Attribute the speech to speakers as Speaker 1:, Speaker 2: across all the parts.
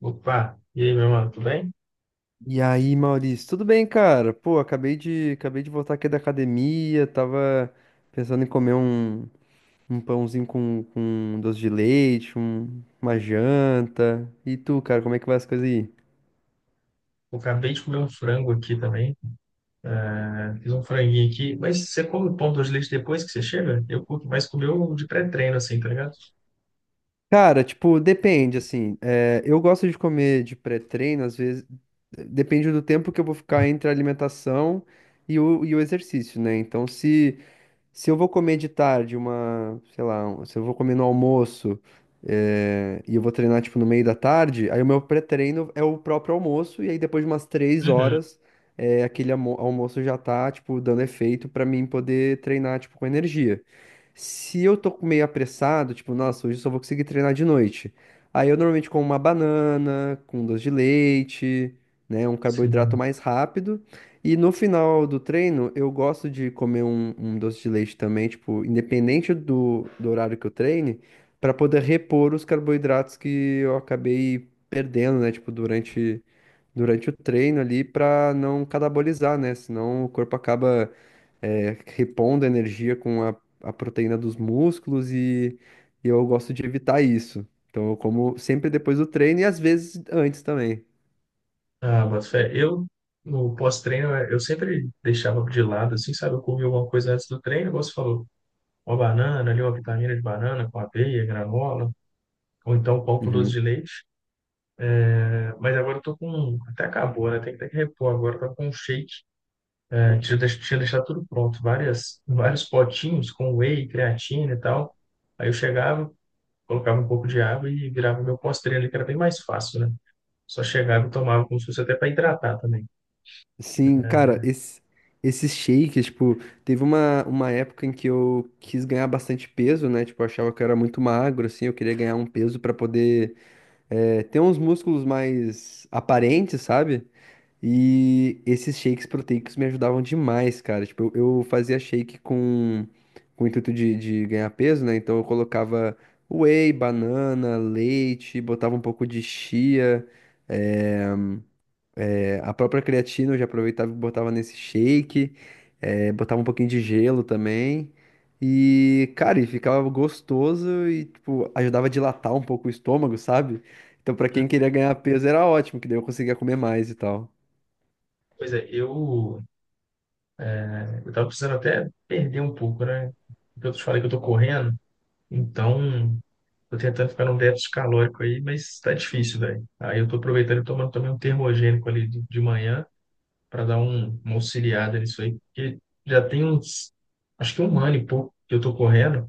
Speaker 1: Opa, e aí, meu mano, tudo bem?
Speaker 2: E aí, Maurício, tudo bem, cara? Pô, acabei de voltar aqui da academia, tava pensando em comer um pãozinho com doce de leite, uma janta. E tu, cara, como é que vai as coisas aí?
Speaker 1: Eu acabei de comer um frango aqui também, né? Fiz um franguinho aqui. Mas você come o pão de leite depois que você chega? Eu curto mais comer o de pré-treino, assim, tá ligado?
Speaker 2: Cara, tipo, depende, assim. Eu gosto de comer de pré-treino, às vezes. Depende do tempo que eu vou ficar entre a alimentação e o exercício, né? Então, se eu vou comer de tarde sei lá, se eu vou comer no almoço, e eu vou treinar tipo no meio da tarde, aí o meu pré-treino é o próprio almoço, e aí depois de umas três
Speaker 1: Uhum.
Speaker 2: horas, aquele almoço já tá, tipo, dando efeito pra mim poder treinar, tipo, com energia. Se eu tô meio apressado, tipo, nossa, hoje eu só vou conseguir treinar de noite. Aí eu normalmente como uma banana, com um doce de leite, né, um carboidrato
Speaker 1: Sim.
Speaker 2: mais rápido. E no final do treino, eu gosto de comer um doce de leite também, tipo, independente do horário que eu treine, para poder repor os carboidratos que eu acabei perdendo, né? Tipo, durante o treino ali, para não catabolizar, né? Senão o corpo acaba repondo a energia com a proteína dos músculos e eu gosto de evitar isso. Então eu como sempre depois do treino e às vezes antes também.
Speaker 1: Ah, boto fé. No pós-treino, eu sempre deixava de lado, assim, sabe? Eu comia alguma coisa antes do treino, igual você falou. Uma banana ali, uma vitamina de banana com aveia, granola, ou então pão com doce
Speaker 2: Uhum.
Speaker 1: de leite. É, mas agora eu tô com... Até acabou, né? Tem que repor agora. Eu tô com um shake. Eu tinha deixado tudo pronto, vários potinhos com whey, creatina e tal. Aí eu chegava, colocava um pouco de água e virava meu pós ali, que era bem mais fácil, né? Só chegava e tomava como se fosse até para hidratar também.
Speaker 2: Sim, cara, esses shakes, tipo, teve uma época em que eu quis ganhar bastante peso, né? Tipo, eu achava que eu era muito magro, assim, eu queria ganhar um peso pra poder ter uns músculos mais aparentes, sabe? E esses shakes proteicos me ajudavam demais, cara. Tipo, eu fazia shake com o intuito de ganhar peso, né? Então eu colocava whey, banana, leite, botava um pouco de chia. eh, A própria creatina eu já aproveitava e botava nesse shake, botava um pouquinho de gelo também. E, cara, e ficava gostoso e, tipo, ajudava a dilatar um pouco o estômago, sabe? Então, pra quem queria ganhar peso era ótimo, que daí eu conseguia comer mais e tal.
Speaker 1: Pois é, eu tava precisando até perder um pouco, né? Porque eu te falei que eu tô correndo, então tô tentando ficar num déficit calórico aí, mas tá difícil, velho. Aí eu tô aproveitando e tomando também um termogênico ali de manhã para dar uma auxiliada nisso aí, porque já tem uns, acho que um ano e pouco que eu tô correndo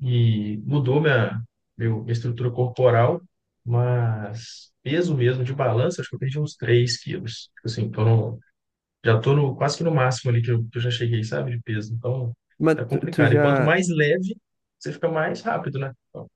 Speaker 1: e mudou minha estrutura corporal, mas peso mesmo de balança, acho que eu perdi uns 3 quilos. Tipo assim, tô no- já tô no, quase que no máximo ali que que eu já cheguei, sabe, de peso. Então,
Speaker 2: Mas
Speaker 1: tá
Speaker 2: tu, tu
Speaker 1: complicado. E quanto
Speaker 2: já,
Speaker 1: mais leve, você fica mais rápido, né? Então,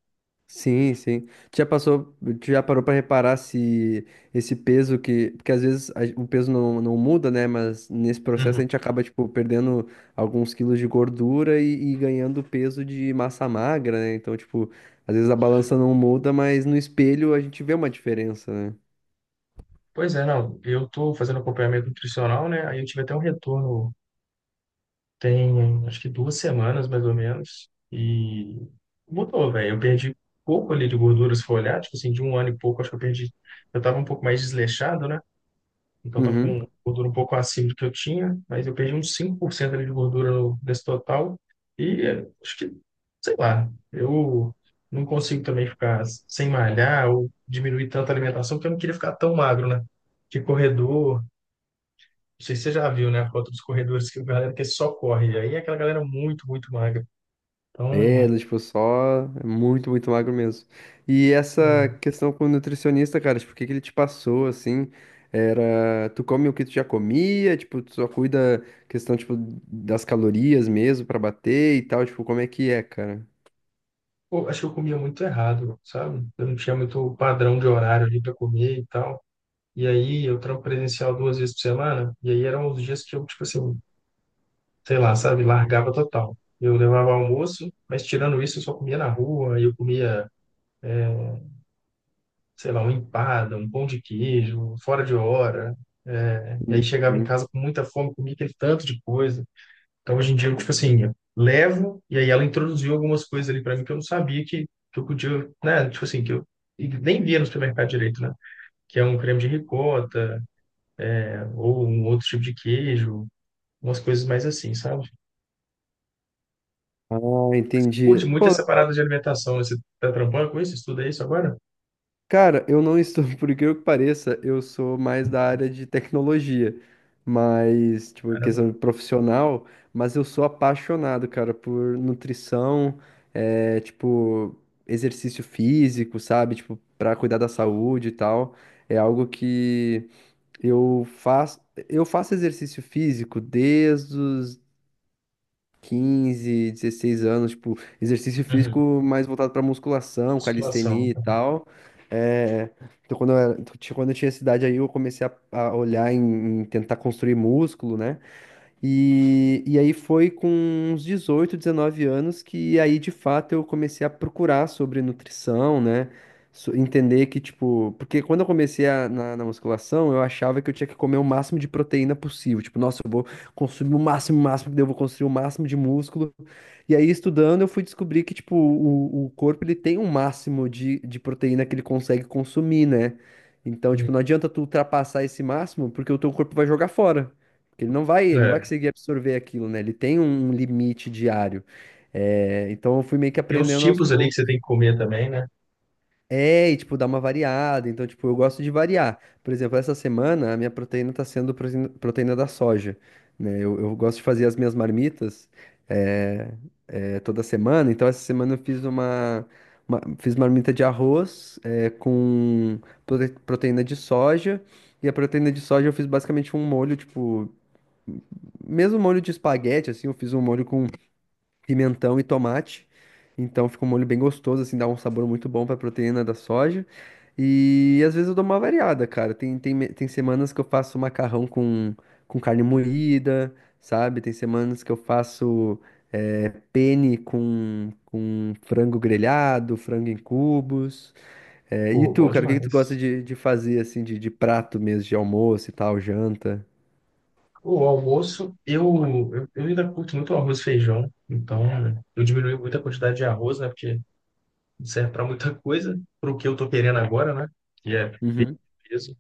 Speaker 2: Sim, sim. Tu Já passou, tu já parou pra reparar se esse peso que, porque às vezes o peso não muda, né? Mas nesse processo a
Speaker 1: uhum.
Speaker 2: gente acaba tipo perdendo alguns quilos de gordura e ganhando peso de massa magra, né? Então, tipo, às vezes a balança não muda, mas no espelho a gente vê uma diferença, né?
Speaker 1: Pois é, não, eu tô fazendo acompanhamento nutricional, né? Aí eu tive até um retorno. Tem acho que duas semanas, mais ou menos, e mudou, velho. Eu perdi pouco ali de gordura, se for olhar, tipo assim, de um ano e pouco, acho que eu perdi. Eu tava um pouco mais desleixado, né? Então tava
Speaker 2: Uhum.
Speaker 1: com gordura um pouco acima do que eu tinha, mas eu perdi uns 5% ali de gordura no, nesse total. E acho que, sei lá, eu não consigo também ficar sem malhar ou diminuir tanto a alimentação, porque eu não queria ficar tão magro, né? Que corredor, não sei se você já viu, né? A foto dos corredores, que a galera que é só corre. E aí é aquela galera muito, muito magra.
Speaker 2: É,
Speaker 1: Então,
Speaker 2: do tipo, só é muito, muito magro mesmo. E essa
Speaker 1: é,
Speaker 2: questão com o nutricionista, cara, tipo, o que que ele te passou, assim, era, tu come o que tu já comia, tipo, tu só cuida questão, tipo, das calorias mesmo pra bater e tal, tipo, como é que é, cara?
Speaker 1: pô, acho que eu comia muito errado, sabe? Eu não tinha muito padrão de horário ali para comer e tal. E aí eu trampo presencial duas vezes por semana. E aí eram os dias que eu, tipo assim, sei lá, sabe? Largava total. Eu levava almoço, mas tirando isso eu só comia na rua. E eu comia, sei lá, uma empada, um pão de queijo, fora de hora. É, e aí chegava em
Speaker 2: Uhum.
Speaker 1: casa com muita fome, comia aquele tanto de coisa. Então, hoje em dia, eu, tipo assim, eu levo, e aí ela introduziu algumas coisas ali para mim que eu não sabia que eu podia, né? Tipo assim, que eu e nem via no supermercado direito, né? Que é um creme de ricota, né, ou um outro tipo de queijo, umas coisas mais assim, sabe?
Speaker 2: Ah, entendi.
Speaker 1: Curte muito
Speaker 2: Pô,
Speaker 1: essa parada de alimentação, né? Você tá trampando com isso? Estuda isso agora?
Speaker 2: cara, eu não estou, por incrível que pareça, eu sou mais da área de tecnologia, mas, tipo, em
Speaker 1: Caramba.
Speaker 2: questão de profissional, mas eu sou apaixonado, cara, por nutrição, tipo, exercício físico, sabe? Tipo, pra cuidar da saúde e tal. É algo que eu faço, eu faço exercício físico desde os 15, 16 anos, tipo, exercício
Speaker 1: Uhum.
Speaker 2: físico mais voltado pra musculação,
Speaker 1: Musculação.
Speaker 2: calistenia e tal. É, então, quando eu tinha essa idade aí, eu comecei a olhar em tentar construir músculo, né? E aí foi com uns 18, 19 anos que aí de fato eu comecei a procurar sobre nutrição, né? Entender que, tipo, porque quando eu comecei na musculação, eu achava que eu tinha que comer o máximo de proteína possível. Tipo, nossa, eu vou consumir o máximo, daí eu vou construir o máximo de músculo. E aí, estudando, eu fui descobrir que, tipo, o corpo ele tem um máximo de proteína que ele consegue consumir, né? Então,
Speaker 1: Uhum.
Speaker 2: tipo, não adianta tu ultrapassar esse máximo, porque o teu corpo vai jogar fora. Porque ele não vai
Speaker 1: É.
Speaker 2: conseguir absorver aquilo, né? Ele tem um limite diário. É, então eu fui meio que
Speaker 1: Tem uns
Speaker 2: aprendendo aos
Speaker 1: tipos ali que você tem
Speaker 2: poucos.
Speaker 1: que comer também, né?
Speaker 2: É, e tipo, dar uma variada. Então, tipo, eu gosto de variar. Por exemplo, essa semana a minha proteína tá sendo proteína da soja, né? Eu gosto de fazer as minhas marmitas é, toda semana. Então, essa semana eu fiz marmita de arroz com proteína de soja. E a proteína de soja eu fiz basicamente um molho, tipo mesmo molho de espaguete, assim, eu fiz um molho com pimentão e tomate. Então fica um molho bem gostoso, assim, dá um sabor muito bom pra proteína da soja. E às vezes eu dou uma variada, cara. Tem semanas que eu faço macarrão com carne moída, sabe? Tem semanas que eu faço penne com frango grelhado, frango em cubos. É, e
Speaker 1: Pô,
Speaker 2: tu,
Speaker 1: bom
Speaker 2: cara, o que que tu gosta
Speaker 1: demais.
Speaker 2: de fazer, assim, de prato mesmo, de almoço e tal, janta?
Speaker 1: O almoço, eu ainda curto muito arroz e feijão, então eu diminui muito a quantidade de arroz, né? Porque não serve para muita coisa, para o que eu tô querendo agora, né? Que é
Speaker 2: Uhum.
Speaker 1: peso.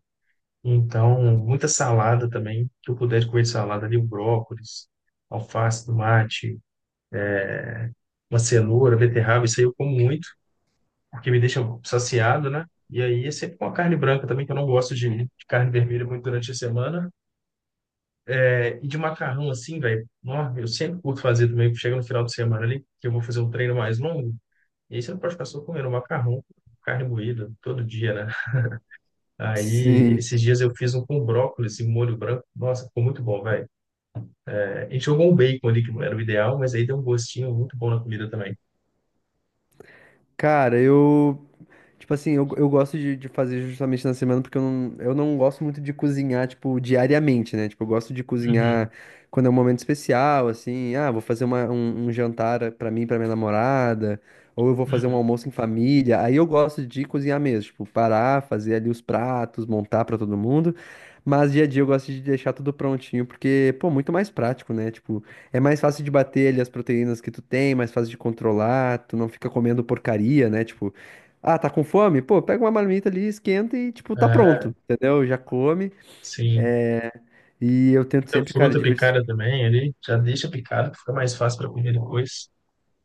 Speaker 1: Então, muita salada também, que eu puder comer de salada ali, o brócolis, alface, tomate, uma cenoura, beterraba, isso aí eu como muito, porque me deixa saciado, né? E aí é sempre uma carne branca também, que eu não gosto de carne vermelha muito durante a semana. É, e de macarrão, assim, velho, nó, eu sempre curto fazer também, chega no final de semana ali, que eu vou fazer um treino mais longo, e aí você não pode ficar só comendo macarrão, carne moída, todo dia, né? Aí,
Speaker 2: Sim.
Speaker 1: esses dias eu fiz um com brócolis e molho branco, nossa, ficou muito bom, velho. É, a gente jogou um bacon ali, que não era o ideal, mas aí deu um gostinho muito bom na comida também.
Speaker 2: Cara, eu tipo assim, eu gosto de fazer justamente na semana porque eu não gosto muito de cozinhar, tipo, diariamente, né? Tipo, eu gosto de cozinhar
Speaker 1: Uhum,
Speaker 2: quando é um momento especial, assim, ah, vou fazer um jantar pra mim, e pra minha namorada, ou eu vou fazer um
Speaker 1: uhum.
Speaker 2: almoço em família. Aí eu gosto de cozinhar mesmo, tipo, parar, fazer ali os pratos, montar pra todo mundo. Mas dia a dia eu gosto de deixar tudo prontinho, porque, pô, muito mais prático, né? Tipo, é mais fácil de bater ali as proteínas que tu tem, mais fácil de controlar, tu não fica comendo porcaria, né? Tipo, ah, tá com fome? Pô, pega uma marmita ali, esquenta e, tipo, tá
Speaker 1: É,
Speaker 2: pronto, entendeu? Já come.
Speaker 1: sim.
Speaker 2: E eu tento
Speaker 1: Muita
Speaker 2: sempre, cara.
Speaker 1: fruta picada também ali, já deixa picado, que fica mais fácil para comer depois.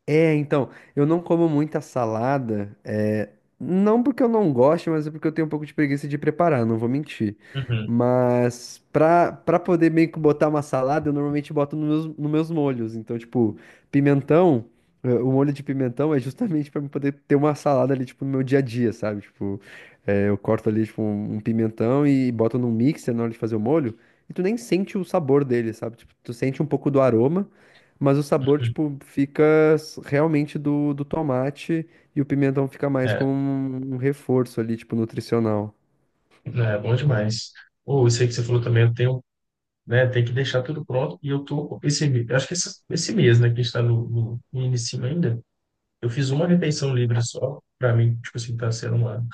Speaker 2: É, então, eu não como muita salada, não porque eu não gosto, mas é porque eu tenho um pouco de preguiça de preparar, não vou mentir.
Speaker 1: Uhum.
Speaker 2: Mas pra poder meio que botar uma salada, eu normalmente boto nos meus molhos. Então, tipo, pimentão, o molho de pimentão é justamente pra eu poder ter uma salada ali, tipo, no meu dia a dia, sabe? Tipo, eu corto ali, tipo, um pimentão e boto num mixer na hora de fazer o molho, e tu nem sente o sabor dele, sabe? Tipo, tu sente um pouco do aroma. Mas o sabor,
Speaker 1: Uhum.
Speaker 2: tipo, fica realmente do tomate e o pimentão fica mais
Speaker 1: É,
Speaker 2: como um reforço ali, tipo, nutricional.
Speaker 1: é bom demais. Ou isso aí que você falou também, eu tenho né? Tem que deixar tudo pronto. E eu tô eu acho que esse mês, né, que a gente está no início ainda, eu fiz uma refeição livre só. Para mim, tipo assim, tá sendo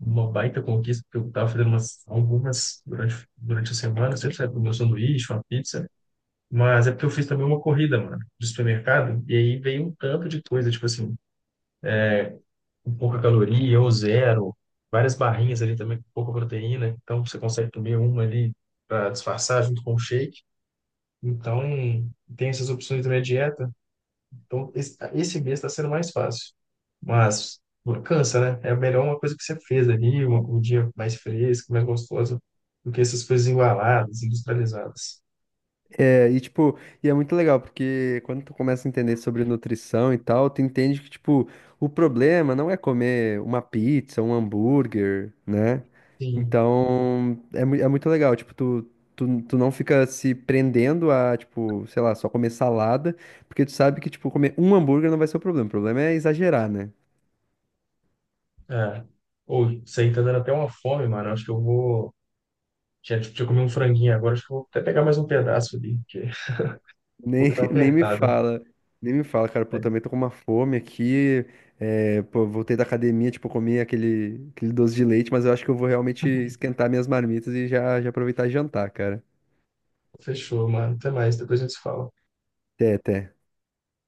Speaker 1: uma baita conquista, porque eu tava fazendo umas, algumas durante a semana, sempre sabe, meu sanduíche, uma pizza. Mas é porque eu fiz também uma corrida, mano, do supermercado, e aí veio um tanto de coisa, tipo assim, com pouca caloria, ou zero, várias barrinhas ali também com pouca proteína, então você consegue comer uma ali para disfarçar junto com o shake. Então, tem essas opções também a dieta. Então, esse mês está sendo mais fácil. Mas cansa, né? É melhor uma coisa que você fez ali, dia mais fresco, mais gostoso, do que essas coisas embaladas, industrializadas.
Speaker 2: É, e tipo, e é muito legal, porque quando tu começa a entender sobre nutrição e tal, tu entende que, tipo, o problema não é comer uma pizza, um hambúrguer, né?
Speaker 1: Sim.
Speaker 2: Então, é muito legal, tipo, tu não fica se prendendo a, tipo, sei lá, só comer salada, porque tu sabe que, tipo, comer um hambúrguer não vai ser o problema é exagerar, né?
Speaker 1: É. Ou, isso aí tá dando até uma fome, mano. Acho que eu vou. Tinha comer um franguinho agora, acho que eu vou até pegar mais um pedaço ali, porque vou
Speaker 2: Nem,
Speaker 1: dar uma
Speaker 2: nem me
Speaker 1: apertada.
Speaker 2: fala, nem me fala, cara, pô,
Speaker 1: Aí,
Speaker 2: também tô com uma fome aqui, pô, voltei da academia, tipo, comi aquele doce de leite, mas eu acho que eu vou realmente esquentar minhas marmitas e já, já aproveitar e jantar, cara.
Speaker 1: fechou, mano. Até mais, depois a gente se fala.
Speaker 2: Até, até.